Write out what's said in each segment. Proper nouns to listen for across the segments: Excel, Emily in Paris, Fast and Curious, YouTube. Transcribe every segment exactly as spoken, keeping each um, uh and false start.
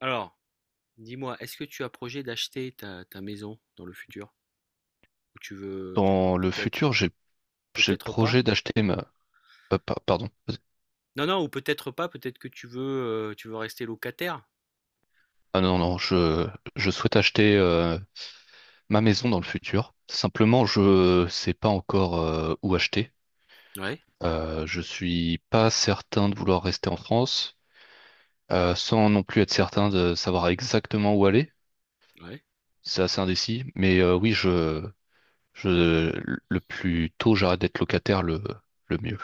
Alors, dis-moi, est-ce que tu as projet d'acheter ta, ta maison dans le futur? Ou tu veux, tu veux Dans le peut-être, futur, j'ai j'ai le peut-être pas? projet d'acheter ma euh, pa- pardon. Vas-y. Non, non, ou peut-être pas, peut-être que tu veux, euh, tu veux rester locataire. Ah non non, je je souhaite acheter euh, ma maison dans le futur. Simplement, je sais pas encore euh, où acheter. Ouais, Euh, je suis pas certain de vouloir rester en France, euh, sans non plus être certain de savoir exactement où aller. ouais, C'est assez indécis. Mais euh, oui, je, je, le plus tôt j'arrête d'être locataire, le, le mieux.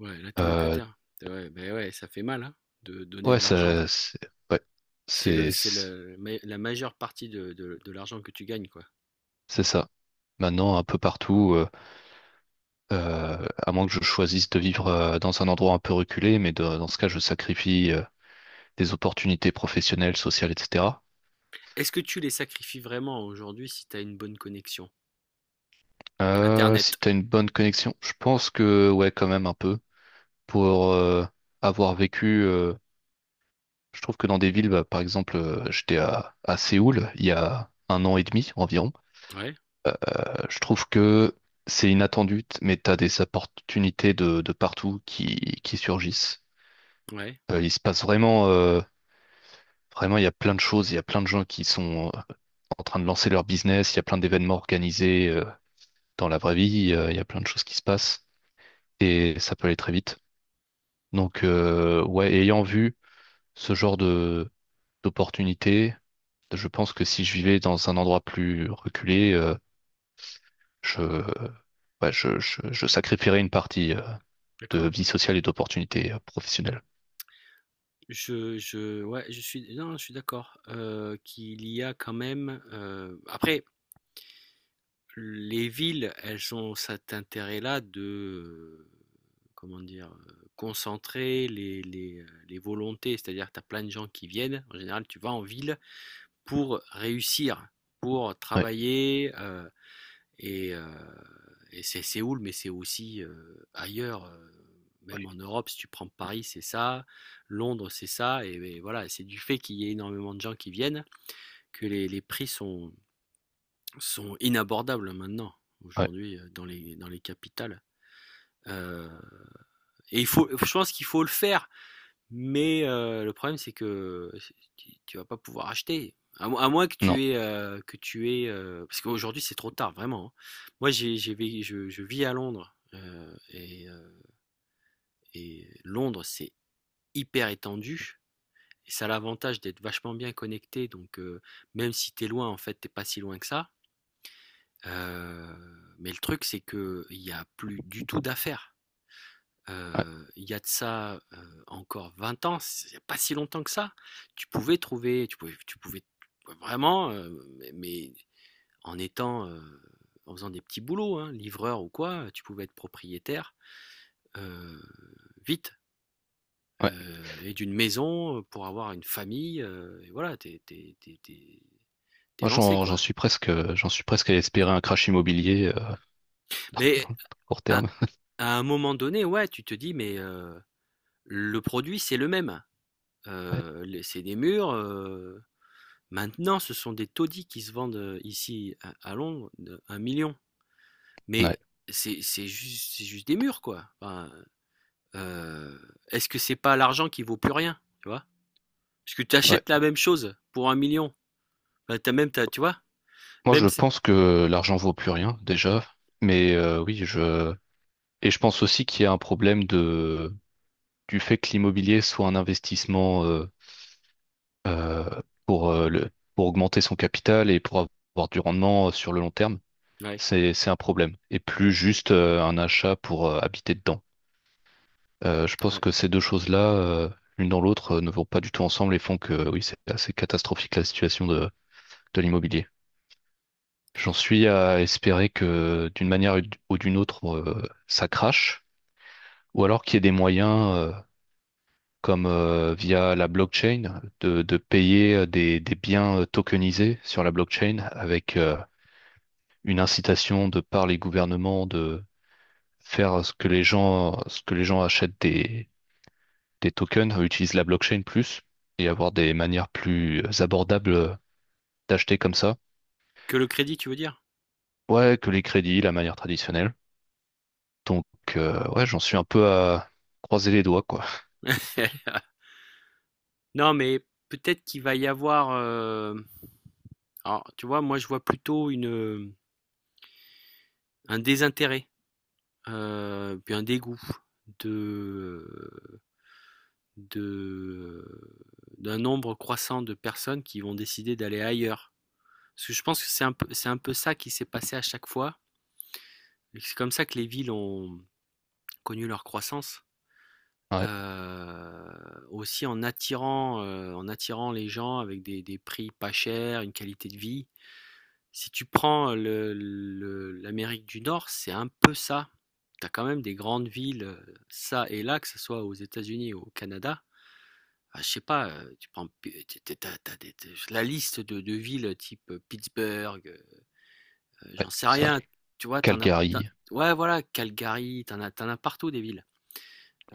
ouais, là t'es Euh, locataire. Ah ouais, ben ouais, ça fait mal, hein, de donner ouais, de l'argent. ça, c'est, ouais, C'est le, c'est, c'est c'est le- ma- la majeure partie de, de- de l'argent que tu gagnes, quoi. c'est ça. Maintenant, un peu partout, euh, euh, à moins que je choisisse de vivre euh, dans un endroit un peu reculé, mais de- dans ce cas, je sacrifie euh, des opportunités professionnelles, sociales, et cetera. Est-ce que tu les sacrifies vraiment aujourd'hui si tu as une bonne connexion? Euh, si Internet. tu as une bonne connexion, je pense que ouais, quand même un peu. Pour euh, avoir vécu euh, je trouve que dans des villes, bah, par exemple, euh, j'étais à, à Séoul il y a un an et demi environ. Ouais, Euh, je trouve que c'est inattendu, t- mais t'as des opportunités de, de partout qui, qui surgissent. ouais, Euh, il se passe vraiment, euh, vraiment, il y a plein de choses, il y a plein de gens qui sont euh, en train de lancer leur business, il y a plein d'événements organisés euh, dans la vraie vie, euh, il y a plein de choses qui se passent et ça peut aller très vite. Donc, euh, ouais, ayant vu ce genre de d'opportunités, je pense que si je vivais dans un endroit plus reculé, euh, je, ouais, je, je, je sacrifierais une partie euh, de d'accord. vie sociale et d'opportunités euh, professionnelles. Je je ouais, je suis, non, je suis d'accord, heu, qu'il y a quand même, heu après les villes, elles ont cet intérêt-là de, heu, comment dire? Heu, concentrer les les, heu, les volontés. C'est-à-dire que tu as plein de gens qui viennent. En général, tu vas en ville pour réussir, pour Ouais, travailler, heu et, euh, et c'est Séoul, mais c'est aussi euh, ailleurs, euh, même en oui, Europe, si tu prends Paris, c'est ça, Londres, c'est ça, et, et voilà, c'est du fait qu'il y ait énormément de gens qui viennent que les, les prix sont, sont inabordables maintenant, ouais, aujourd'hui, euh, dans les, dans les capitales. Euh, et il faut, je pense qu'il faut le faire, mais heu, le problème, c'est que tu tu vas pas pouvoir acheter. À moins à moins que non, tu aies, heu, que tu aies, heu parce qu'aujourd'hui, c'est trop tard, vraiment, hein. Moi, j'ai j'ai vé je je vis à Londres, heu et heu et Londres, c'est hyper étendu et ça a l'avantage d'être vachement bien connecté, donc heu, même si tu es loin, en fait, t'es pas si loin que ça. Heu, mais le truc, c'est que il y a plus du tout d'affaires. ouais, Heu, il y a de ça, heu, encore vingt ans, il y a pas si longtemps que ça, tu pouvais trouver tu pouvais tu pouvais vraiment, heu, mais en étant, heu, en faisant des petits boulots, hein, livreur ou quoi, tu pouvais être propriétaire, heu, vite, ouais. heu et d'une maison, pour avoir une famille, heu et voilà, t'es, t'es, t'es, t'es tu Moi, lancé, j'en, j'en quoi. suis presque, euh, j'en suis presque à espérer un crash immobilier euh, dans, dans Mais le court à terme. à un moment donné, ouais, tu te dis: «Mais, heu, le produit, c'est le même, Ouais, heu, les c'est des murs, heu, maintenant, ce sont des taudis qui se vendent euh, ici à, à Londres, un million. Mais ouais, c'est c'est juste, c'est juste des murs, quoi. Enfin, euh, est-ce que c'est pas l'argent qui vaut plus rien, tu vois? Parce que tu ouais. achètes la même chose pour un million. Enfin, t'as même, t'as- tu vois. Moi, je Même, si- pense que l'argent vaut plus rien déjà, mais euh, oui, je et je pense aussi qu'il y a un problème de du fait que l'immobilier soit un investissement. euh, euh, pour, euh, le, pour augmenter son capital et pour avoir du rendement euh, sur le long terme, Ouais, c'est, c'est un problème. Et plus juste euh, un achat pour euh, habiter dedans. Euh, je pense ouais. que ces deux choses-là, euh, l'une dans l'autre, euh, ne vont pas du tout ensemble et font que oui, c'est assez catastrophique la situation de, de l'immobilier. J'en suis à espérer que d'une manière ou d'une autre, euh, ça crache, ou alors qu'il y ait des moyens, euh, comme euh, via la blockchain, de, de payer euh, des, des biens euh, tokenisés sur la blockchain avec, euh, une incitation de par les gouvernements de faire ce que les gens, ce que les gens achètent des, des tokens, euh, utilisent la blockchain plus et avoir des manières plus abordables d'acheter comme ça. Que le crédit, tu veux dire? Ouais, que les crédits, la manière traditionnelle. Donc, euh, ouais, j'en suis un peu à croiser les doigts, quoi. C'est- Non, mais peut-être qu'il va y avoir, euh, alors, tu vois, moi, je vois plutôt une un désintérêt, euh, puis un dégoût de de euh, d'un nombre croissant de personnes qui vont décider d'aller ailleurs. Parce que je pense que c'est un peu, c'est un peu ça qui s'est passé à chaque fois. Et c'est comme ça que les villes ont connu leur croissance. Ouais, Euh, Aussi en attirant, euh, en attirant les gens avec des, des prix pas chers, une qualité de vie. Si tu prends le- le- l'Amérique du Nord, c'est un peu ça. Tu as quand même des grandes villes, euh, ça et là, que ce soit aux États-Unis ou au Canada. Ah, je sais pas, heu, tu prends p tu tu tu as des des la liste de de villes type, heu, Pittsburgh, heu, ouais, j'en sais c'est vrai. rien, tu vois? T'en as Calgary. tu ouais, voilà, Calgary, t'en as t'en as partout des villes.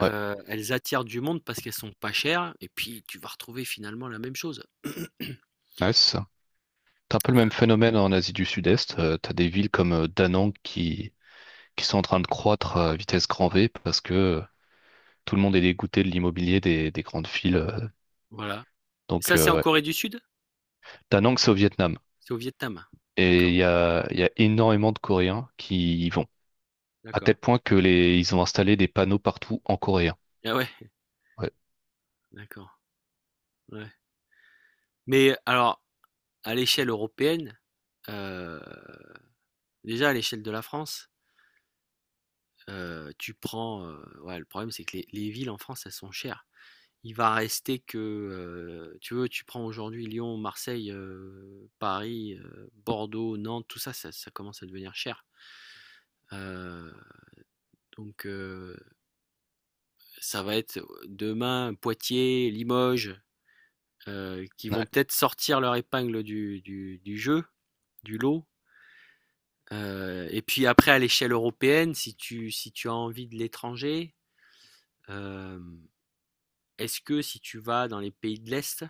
Ouais, Elles attirent du monde parce qu'elles sont pas chères et puis tu vas retrouver finalement la même chose. Nice. T'as un peu le même Heu, phénomène en Asie du Sud-Est. Euh, t'as des villes comme euh, Da Nang qui, qui sont en train de croître euh, à vitesse grand V parce que euh, tout le monde est dégoûté de l'immobilier des, des grandes villes. euh. voilà. Et Donc, ça, c'est en euh, ouais. Corée du Sud? Da Nang, c'est au Vietnam. C'est au Vietnam? Et il D'accord, y a, il y a énormément de Coréens qui à tel d'accord. point que les, ils ont installé des panneaux partout en coréen. Ah ouais, Ouais. d'accord, ouais. Mais alors, à l'échelle européenne, heu, déjà à l'échelle de la France. Heu, tu prends, heu, ouais, le problème, c'est que les les villes en France, elles sont chères. Il va rester que, heu, tu veux, tu prends aujourd'hui Lyon, Marseille, heu, Paris, heu, Bordeaux, Nantes, tout ça, ça ça commence à devenir cher. Heu, donc heu, Ça va être, euh, demain, Poitiers, Limoges, heu, qui vont Ouais, peut-être sortir leur épingle du du du jeu, du lot. Heu et puis après à l'échelle européenne, si tu si tu as envie de l'étranger, hem est-ce que si tu vas dans les pays de l'Est,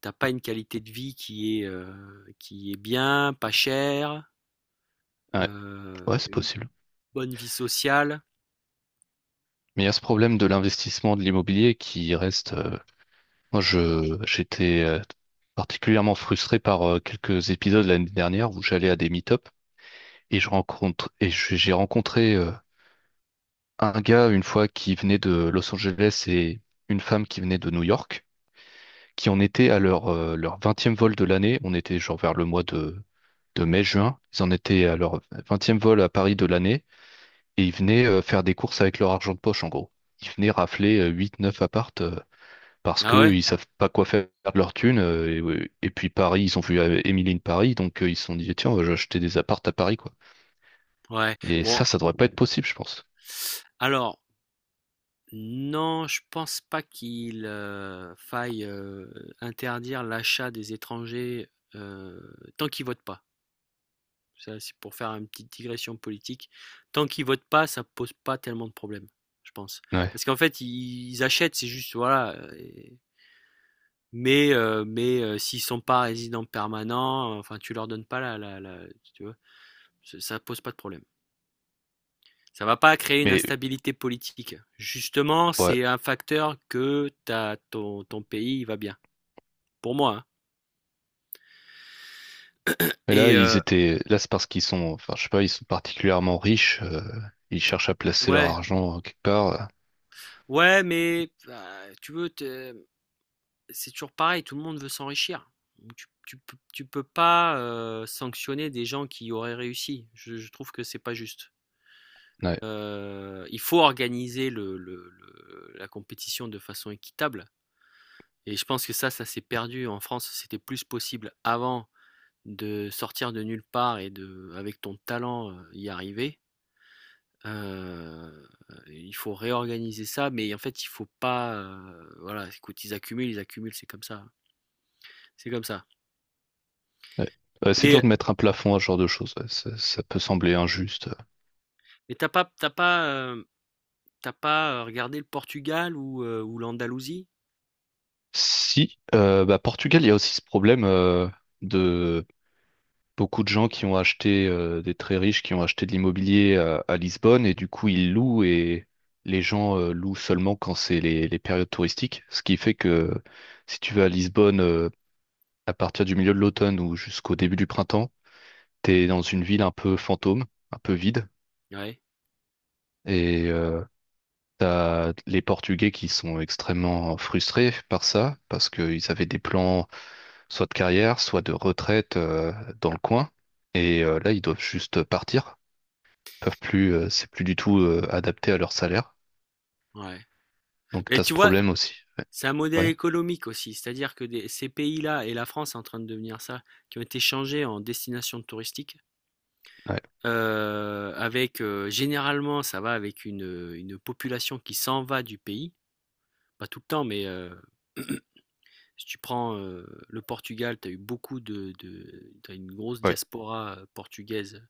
t'as pas une qualité de vie qui est, heu, qui est bien, pas chère, ouais, ouais, heu, c'est une possible. bonne vie sociale? Mais il y a ce problème de l'investissement de l'immobilier qui reste. Euh, moi, je j'étais euh, particulièrement frustré par euh, quelques épisodes l'année dernière où j'allais à des meet-up et je rencontre, et je- j'ai rencontré euh, un gars une fois qui venait de Los Angeles et une femme qui venait de New York, qui en étaient à leur, euh, leur vingtième vol de l'année. On était genre vers le mois de, de mai-juin. Ils en étaient à leur vingtième vol à Paris de l'année et ils venaient euh, faire des courses avec leur argent de poche en gros. Ils venaient rafler euh, huit, neuf appartes euh, parce Ah ouais? qu'ils savent pas quoi faire de leur thune. euh, et, et puis Paris, ils ont vu euh, Emily in Paris, donc euh, ils se sont dit, tiens, on va acheter des appartes à Paris, quoi. Ouais. Et Bon, ça, ça devrait pas être possible, je pense. alors non, je pense pas qu'il, heu, faille, heu, interdire l'achat des étrangers, heu, tant qu'ils votent pas. Ça, c'est pour faire une petite digression politique. Tant qu'ils votent pas, ça pose pas tellement de problèmes, je pense. Ouais. Parce qu'en fait, ils ils achètent, c'est juste, voilà. Mais, euh, mais euh, s'ils sont pas résidents permanents, euh, enfin, tu leur donnes pas la, la, la- tu vois, ça ça pose pas de problème. Ça va pas créer une Mais instabilité politique. Justement, ouais. c'est un facteur que t'as, ton, ton pays il va bien. Pour moi, hein. Mais là, Et ils euh, étaient. Là, c'est parce qu'ils sont. Enfin, je sais pas, ils sont particulièrement riches. Euh, ils cherchent à placer leur ouais, argent euh, quelque part. euh. ouais, mais bah, tu veux, t'es- c'est toujours pareil. Tout le monde veut s'enrichir. Donc, Tu, tu, peux- tu peux pas euh, sanctionner des gens qui auraient réussi. Je, je trouve que c'est pas juste. Ouais. Euh, il faut organiser le, le- le- la compétition de façon équitable. Et je pense que ça, ça s'est perdu. En France, c'était plus possible avant de sortir de nulle part et de, avec ton talent, euh, y arriver. Euh, il faut réorganiser ça, mais en fait, il faut pas. Euh, voilà, écoute, ils accumulent, ils accumulent, c'est comme ça, c'est comme ça. Ouais. Ouais, c'est dur Mais, de mettre un plafond à ce genre de choses. Ouais, Ça, ça peut sembler injuste. mais t'as pas, t'as pas, euh, t'as pas euh, regardé le Portugal ou, euh, ou l'Andalousie? Si, euh, bah, Portugal, il y a aussi ce problème euh, de beaucoup de gens qui ont acheté, euh, des très riches qui ont acheté de l'immobilier à, à Lisbonne et du coup ils louent et les gens euh, louent seulement quand c'est les, les périodes touristiques. Ce qui fait que si tu vas à Lisbonne euh, à partir du milieu de l'automne ou jusqu'au début du printemps, t'es dans une ville un peu fantôme, un peu vide, Ouais, et euh, t'as les Portugais qui sont extrêmement frustrés par ça, parce qu'ils avaient des plans soit de carrière, soit de retraite euh, dans le coin, et euh, là ils doivent juste partir, peuvent plus, euh, c'est plus du tout euh, adapté à leur salaire, ouais. donc Mais t'as ce tu vois, problème aussi. Ouais, c'est un modèle ouais, économique aussi, c'est-à-dire que des- ces pays-là, et la France est en train de devenir ça, qui ont été changés en destination touristique, ouais, euh, avec euh, généralement ça va avec une, une population qui s'en va du pays, pas tout le temps, mais euh, si tu prends euh, le Portugal, tu as eu beaucoup de, de, t'as une grosse ouais. diaspora euh, portugaise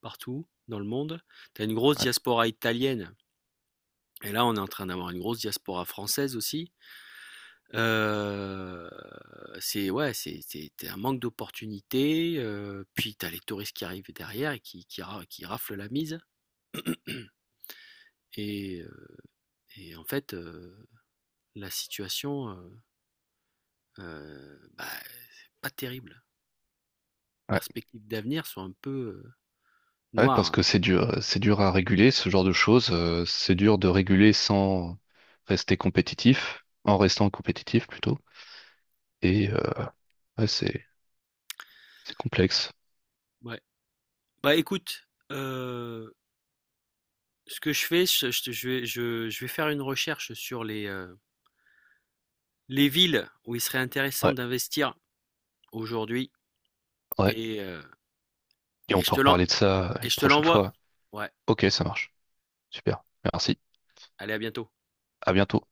partout dans le monde, tu as une grosse Ouais. diaspora italienne, et là on est en train d'avoir une grosse diaspora française aussi. Heu, c'est ouais, c'est c'est tu un manque d'opportunités, heu, puis t'as les touristes qui arrivent derrière et qui qui ra qui raflent la mise. Et heu et en fait, heu, la situation, heu heu, bah, c'est pas terrible. Ouais. Perspectives d'avenir sont un peu, heu, Ouais, parce noires. que c'est dur, euh, c'est dur à réguler, ce genre de choses. Euh, c'est dur de réguler sans rester compétitif, en restant compétitif plutôt. Et euh, ouais, c'est c'est complexe. Ouais. Bah, écoute, heu, ce que je fais, je je je vais je je vais faire une recherche sur les, heu, les villes où il serait intéressant Ouais, d'investir aujourd'hui. ouais. et heu Et on et je peut te l'en reparler de ça Et une je te prochaine l'envoie. fois. Ouais, Ok, ça marche. Super. Merci. allez, à bientôt. À bientôt.